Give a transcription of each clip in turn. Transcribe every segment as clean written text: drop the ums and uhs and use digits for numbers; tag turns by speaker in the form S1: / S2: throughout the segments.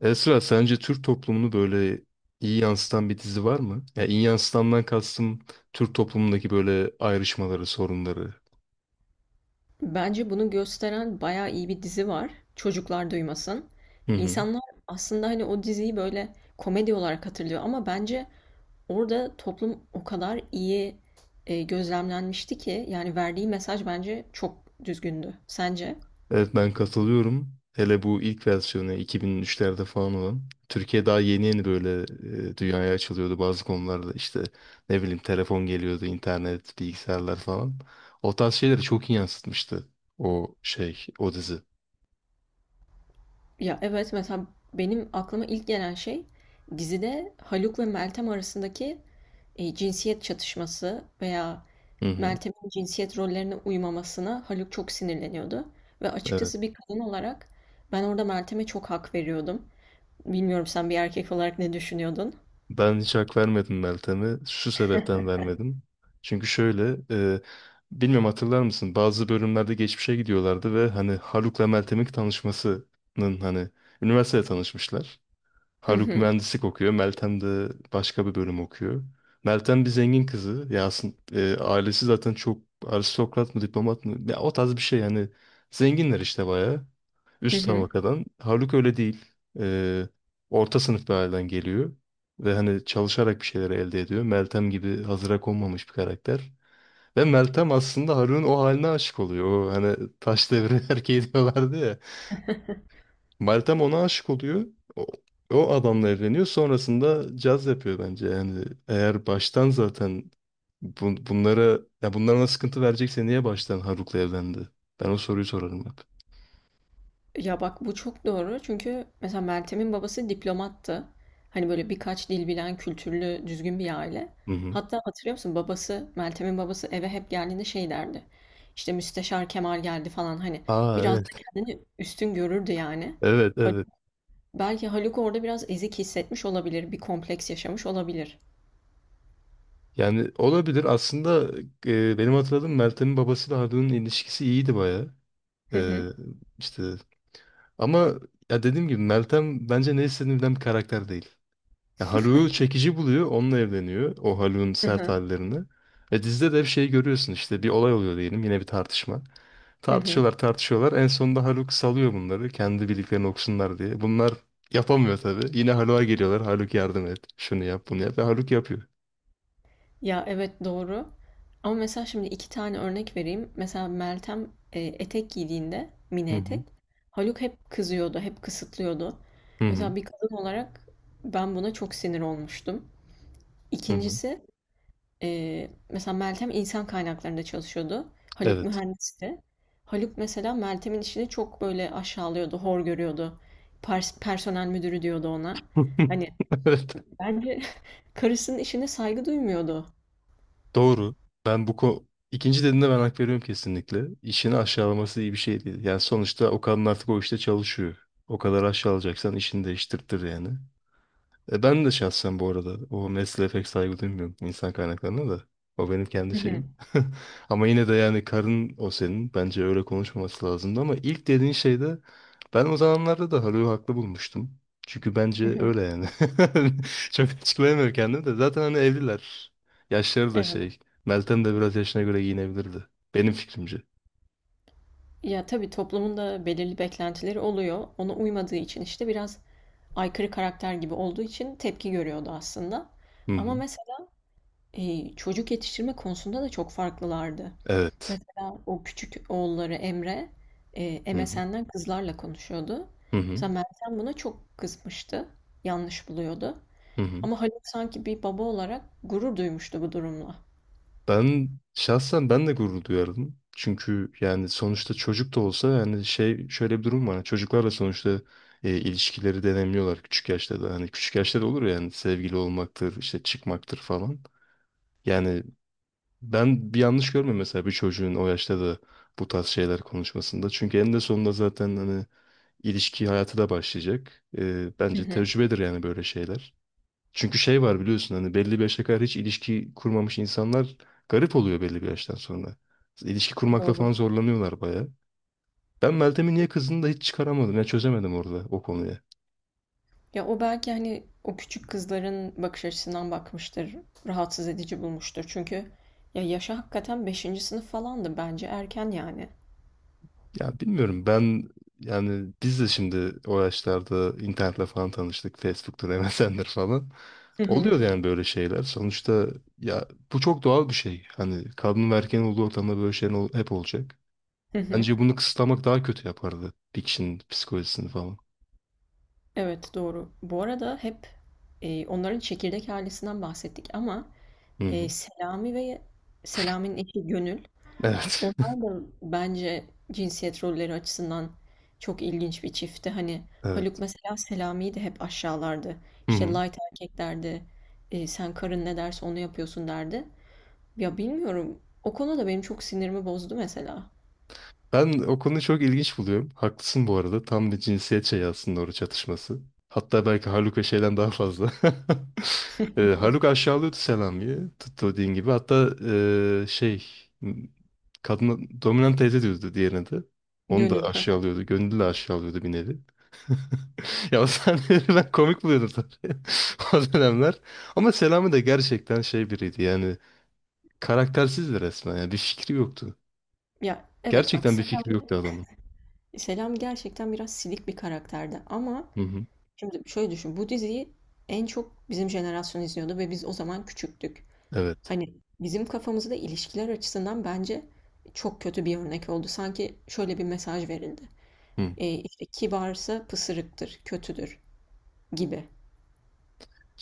S1: Esra, sence Türk toplumunu böyle iyi yansıtan bir dizi var mı? Ya iyi yansıtandan kastım Türk toplumundaki böyle ayrışmaları, sorunları.
S2: Bence bunu gösteren bayağı iyi bir dizi var. Çocuklar duymasın.
S1: Hı hı.
S2: İnsanlar aslında hani o diziyi böyle komedi olarak hatırlıyor ama bence orada toplum o kadar iyi gözlemlenmişti ki yani verdiği mesaj bence çok düzgündü. Sence?
S1: Evet, ben katılıyorum. Hele bu ilk versiyonu 2003'lerde falan olan. Türkiye daha yeni yeni böyle dünyaya açılıyordu bazı konularda. İşte ne bileyim telefon geliyordu, internet, bilgisayarlar falan. O tarz şeyleri çok iyi yansıtmıştı o şey, o dizi.
S2: Ya, evet, mesela benim aklıma ilk gelen şey dizide Haluk ve Meltem arasındaki, cinsiyet çatışması veya
S1: Hı hı.
S2: Meltem'in cinsiyet rollerine uymamasına Haluk çok sinirleniyordu ve
S1: Evet.
S2: açıkçası bir kadın olarak ben orada Meltem'e çok hak veriyordum. Bilmiyorum sen bir erkek olarak ne düşünüyordun?
S1: Ben hiç hak vermedim Meltem'e. Şu sebepten vermedim. Çünkü şöyle, e, bilmiyorum, hatırlar mısın? Bazı bölümlerde geçmişe gidiyorlardı ve hani Haluk'la Meltem'in tanışmasının hani üniversitede tanışmışlar.
S2: Hı
S1: Haluk
S2: hı.
S1: mühendislik okuyor, Meltem de başka bir bölüm okuyor. Meltem bir zengin kızı. Ya aslında ailesi zaten çok aristokrat mı, diplomat mı? Ya o tarz bir şey yani. Zenginler işte bayağı.
S2: Hı
S1: Üst
S2: hı.
S1: tabakadan. Haluk öyle değil. Ee, Orta sınıf bir aileden geliyor. Ve hani çalışarak bir şeyleri elde ediyor. Meltem gibi hazıra konmamış bir karakter. Ve Meltem aslında Haluk'un o haline aşık oluyor. O hani taş devri erkeği diyorlardı ya. Meltem ona aşık oluyor. O, o adamla evleniyor. Sonrasında caz yapıyor bence. Yani eğer baştan zaten bunlara, ya bunlara sıkıntı verecekse niye baştan Haruk'la evlendi? Ben o soruyu sorarım hep.
S2: Ya bak bu çok doğru çünkü mesela Meltem'in babası diplomattı. Hani böyle birkaç dil bilen, kültürlü, düzgün bir aile.
S1: Hı hı.
S2: Hatta hatırlıyor musun babası, Meltem'in babası eve hep geldiğinde şey derdi. İşte Müsteşar Kemal geldi falan hani
S1: Aa,
S2: biraz da
S1: evet.
S2: kendini üstün görürdü yani.
S1: Evet,
S2: Hal-
S1: evet.
S2: Belki Haluk orada biraz ezik hissetmiş olabilir, bir kompleks yaşamış olabilir.
S1: Yani olabilir. Aslında benim hatırladığım Meltem'in babasıyla Haluk'un ilişkisi iyiydi bayağı.
S2: Hı hı,
S1: E, işte ama ya dediğim gibi Meltem bence ne istediğini bilen bir karakter değil. Ya Haluk'u çekici buluyor, onunla evleniyor. O Haluk'un
S2: hı
S1: sert
S2: hı,
S1: hallerini. Ve dizide de hep şey görüyorsun, işte bir olay oluyor diyelim, yine bir tartışma.
S2: hı hı.
S1: Tartışıyorlar tartışıyorlar. En sonunda Haluk salıyor bunları kendi bildiklerini okusunlar diye. Bunlar yapamıyor tabii. Yine Haluk'a geliyorlar. Haluk yardım et. Şunu yap, bunu yap. Ve Haluk yapıyor.
S2: Ya evet doğru. Ama mesela şimdi iki tane örnek vereyim. Mesela Meltem etek giydiğinde mini
S1: Hı hı.
S2: etek Haluk hep kızıyordu, hep kısıtlıyordu.
S1: Hı hı.
S2: Mesela bir kadın olarak ben buna çok sinir olmuştum.
S1: Hı hı.
S2: İkincisi mesela Meltem insan kaynaklarında çalışıyordu. Haluk
S1: Evet.
S2: mühendisti. Haluk mesela Meltem'in işini çok böyle aşağılıyordu, hor görüyordu. Personel müdürü diyordu ona. Hani
S1: Evet.
S2: bence karısının işine saygı duymuyordu.
S1: Doğru. Ben bu ko ikinci dediğinde ben hak veriyorum kesinlikle. İşini aşağılaması iyi bir şey değil. Yani sonuçta o kadın artık o işte çalışıyor. O kadar aşağılayacaksan işini değiştirtir yani. Ben de şahsen bu arada o mesleğe pek saygı duymuyorum, insan kaynaklarına da. O benim kendi
S2: Hı hı,
S1: şeyim. Ama yine de yani karın o senin. Bence öyle konuşmaması lazımdı ama ilk dediğin şeyde ben o zamanlarda da Haluk'u haklı bulmuştum. Çünkü
S2: hı
S1: bence
S2: hı.
S1: öyle yani. Çok açıklayamıyorum kendimi de. Zaten hani evliler. Yaşları da
S2: Evet.
S1: şey. Meltem de biraz yaşına göre giyinebilirdi. Benim fikrimce.
S2: Ya tabii toplumun da belirli beklentileri oluyor. Ona uymadığı için işte biraz aykırı karakter gibi olduğu için tepki görüyordu aslında.
S1: Hı
S2: Ama
S1: hı.
S2: mesela çocuk yetiştirme konusunda da çok farklılardı.
S1: Evet.
S2: Mesela o küçük oğulları Emre
S1: Hı hı.
S2: MSN'den kızlarla konuşuyordu.
S1: Hı hı.
S2: Mesela Meltem buna çok kızmıştı. Yanlış buluyordu.
S1: Hı hı.
S2: Ama Haluk sanki bir baba olarak gurur duymuştu bu durumla.
S1: Ben şahsen ben de gurur duyardım. Çünkü yani sonuçta çocuk da olsa yani şey şöyle bir durum var. Hani çocuklarla sonuçta ilişkileri denemiyorlar küçük yaşta da. Hani küçük yaşta da olur ya, yani sevgili olmaktır, işte çıkmaktır falan. Yani ben bir yanlış görmüyorum mesela bir çocuğun o yaşta da bu tarz şeyler konuşmasında. Çünkü eninde sonunda zaten hani ilişki hayatı da başlayacak.
S2: Hı
S1: Bence
S2: hı.
S1: tecrübedir yani böyle şeyler. Çünkü şey var biliyorsun, hani belli bir yaşa kadar hiç ilişki kurmamış insanlar garip oluyor belli bir yaştan sonra. İlişki kurmakla
S2: Doğru.
S1: falan zorlanıyorlar bayağı. Ben Meltem'in niye kızdığını da hiç çıkaramadım. Ya çözemedim orada o konuyu.
S2: Ya o belki hani o küçük kızların bakış açısından bakmıştır, rahatsız edici bulmuştur. Çünkü ya yaşı hakikaten 5. sınıf falandı bence erken yani.
S1: Ya bilmiyorum, ben yani biz de şimdi o yaşlarda internetle falan tanıştık. Facebook'tur, MSN'dir falan.
S2: Hı hı.
S1: Oluyor yani böyle şeyler. Sonuçta ya bu çok doğal bir şey. Hani kadın ve erkeğin olduğu ortamda böyle şeyler hep olacak.
S2: Hı hı.
S1: Bence bunu kısıtlamak daha kötü yapardı. Bir kişinin psikolojisini falan.
S2: Evet doğru. Bu arada hep onların çekirdek ailesinden bahsettik ama
S1: Hı hı.
S2: Selami ve Selami'nin eşi Gönül.
S1: Evet.
S2: Onlar da bence cinsiyet rolleri açısından çok ilginç bir çiftti. Hani Haluk
S1: Evet.
S2: mesela Selami'yi de hep aşağılardı.
S1: Hı
S2: İşte
S1: hı.
S2: light erkek derdi. Sen karın ne derse onu yapıyorsun derdi. Ya bilmiyorum. O konu da benim çok sinirimi bozdu mesela.
S1: Ben o konuyu çok ilginç buluyorum. Haklısın bu arada. Tam bir cinsiyet şeyi aslında oru çatışması. Hatta belki Haluka şeyden daha fazla. Haluk aşağılıyordu Selami'yi. Tuttu dediğin gibi. Hatta şey kadına dominant teyze diyordu diğerine de. Onu da
S2: Gönül. Hı hı.
S1: aşağılıyordu. Gönüllü de aşağılıyordu bir nevi. Ya o sahneleri ben komik buluyordum tabii. O dönemler. Ama Selami de gerçekten şey biriydi yani karaktersizdi resmen. Yani bir fikri yoktu.
S2: Ya evet bak
S1: Gerçekten bir fikri yoktu adamın.
S2: Selam gerçekten biraz silik bir karakterdi. Ama
S1: Hı hı.
S2: şimdi şöyle düşün. Bu diziyi en çok bizim jenerasyon izliyordu ve biz o zaman küçüktük.
S1: Evet.
S2: Hani bizim kafamızda ilişkiler açısından bence çok kötü bir örnek oldu. Sanki şöyle bir mesaj verildi.
S1: Hı.
S2: İşte kibarsa pısırıktır, kötüdür gibi.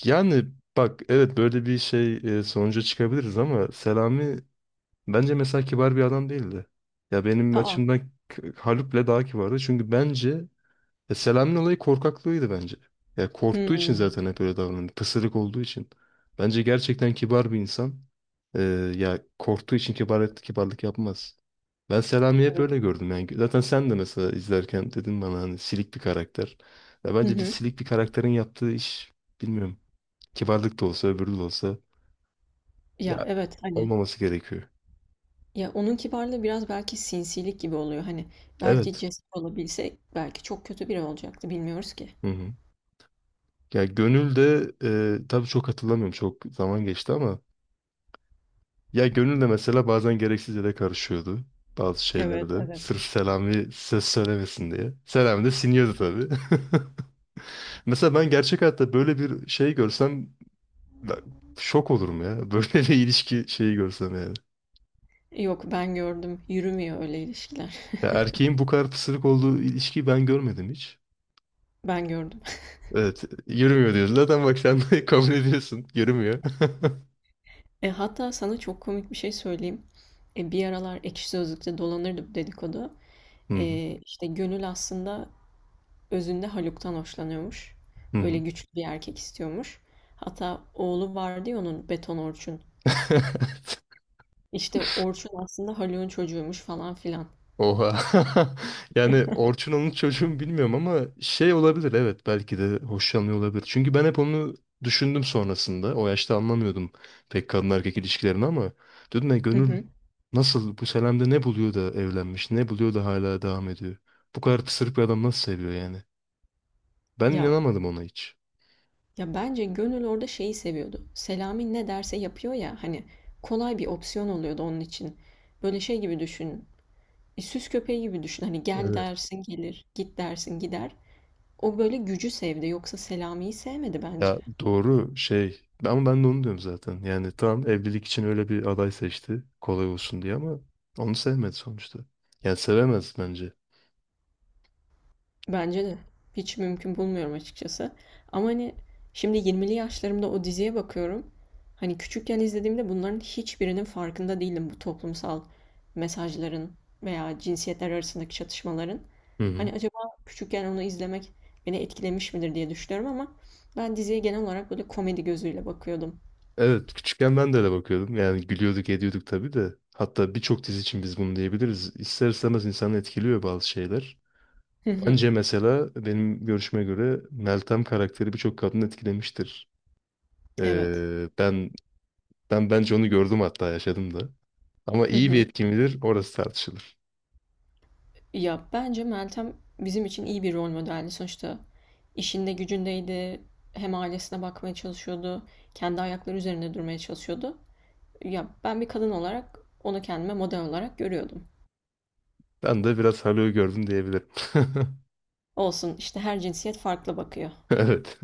S1: Yani bak evet böyle bir şey sonuca çıkabiliriz ama Selami bence mesela kibar bir adam değildi. Ya benim
S2: Aa,
S1: açımdan Haluk'le daha kibardı. Çünkü bence ya Selami'nin olayı korkaklığıydı bence. Ya korktuğu için
S2: hmm,
S1: zaten hep öyle davrandı. Pısırık olduğu için. Bence gerçekten kibar bir insan. Ee, ya korktuğu için kibar, kibarlık yapmaz. Ben Selami'yi hep
S2: evet.
S1: öyle gördüm. Yani zaten sen de mesela izlerken dedin bana hani silik bir karakter. Ya
S2: Hı
S1: bence bir
S2: hı.
S1: silik bir karakterin yaptığı iş bilmiyorum. Kibarlık da olsa öbürü de olsa
S2: Ya
S1: ya
S2: evet hani
S1: olmaması gerekiyor.
S2: ya onun kibarlığı biraz belki sinsilik gibi oluyor. Hani belki
S1: Evet.
S2: cesur olabilse belki çok kötü biri olacaktı bilmiyoruz ki.
S1: Hı hı. Ya gönül de tabii çok hatırlamıyorum. Çok zaman geçti ama ya gönül de mesela bazen gereksiz yere karışıyordu bazı
S2: Evet,
S1: şeylerde.
S2: evet.
S1: Sırf Selami ses söylemesin diye. Selami de siniyordu tabii. Mesela ben gerçek hayatta böyle bir şey görsem ben şok olurum ya. Böyle bir ilişki şeyi görsem yani.
S2: Yok ben gördüm. Yürümüyor öyle ilişkiler.
S1: Ya erkeğin bu kadar pısırık olduğu ilişkiyi ben görmedim hiç.
S2: Ben gördüm.
S1: Evet, yürümüyor diyorsun. Zaten bak sen de kabul ediyorsun. Yürümüyor.
S2: Hatta sana çok komik bir şey söyleyeyim. Bir aralar Ekşi Sözlük'te dolanırdı bu dedikodu.
S1: Hı hı.
S2: İşte Gönül aslında özünde Haluk'tan hoşlanıyormuş.
S1: Hı
S2: Öyle
S1: hı.
S2: güçlü bir erkek istiyormuş. Hatta oğlu vardı ya onun Beton Orçun. İşte Orçun aslında Haluk'un çocuğuymuş falan filan.
S1: Oha. Yani Orçun onun çocuğu mu bilmiyorum ama şey olabilir, evet, belki de hoşlanıyor olabilir. Çünkü ben hep onu düşündüm sonrasında. O yaşta anlamıyordum pek kadın erkek ilişkilerini ama dedim ya
S2: Hı
S1: gönül
S2: hı.
S1: nasıl bu Selam'da ne buluyor da evlenmiş, ne buluyor da hala devam ediyor. Bu kadar pısırık bir adam nasıl seviyor yani? Ben
S2: Ya
S1: inanamadım ona hiç.
S2: ya bence Gönül orada şeyi seviyordu. Selami ne derse yapıyor ya hani kolay bir opsiyon oluyordu onun için. Böyle şey gibi düşün. Süs köpeği gibi düşün. Hani gel
S1: Evet.
S2: dersin gelir, git dersin gider. O böyle gücü sevdi. Yoksa Selami'yi sevmedi bence.
S1: Ya doğru şey ama ben de onu diyorum zaten. Yani tamam evlilik için öyle bir aday seçti kolay olsun diye ama onu sevmedi sonuçta. Yani sevemez bence.
S2: Bence de. Hiç mümkün bulmuyorum açıkçası. Ama hani şimdi 20'li yaşlarımda o diziye bakıyorum. Hani küçükken izlediğimde bunların hiçbirinin farkında değildim bu toplumsal mesajların veya cinsiyetler arasındaki çatışmaların.
S1: Hı hı.
S2: Hani acaba küçükken onu izlemek beni etkilemiş midir diye düşünüyorum ama ben diziye genel olarak böyle komedi gözüyle bakıyordum.
S1: Evet, küçükken ben de öyle bakıyordum. Yani gülüyorduk ediyorduk tabii de. Hatta birçok dizi için biz bunu diyebiliriz. İster istemez insanı etkiliyor bazı şeyler.
S2: Hı hı,
S1: Bence mesela benim görüşüme göre Meltem karakteri birçok kadını etkilemiştir.
S2: evet.
S1: Ee, ben ben bence onu gördüm hatta yaşadım da. Ama iyi bir etki midir orası tartışılır.
S2: Ya bence Meltem bizim için iyi bir rol modeldi sonuçta. İşinde gücündeydi, hem ailesine bakmaya çalışıyordu, kendi ayakları üzerinde durmaya çalışıyordu. Ya ben bir kadın olarak onu kendime model olarak görüyordum.
S1: Ben de biraz Halo'yu gördüm diyebilirim.
S2: Olsun işte her cinsiyet farklı bakıyor.
S1: Evet.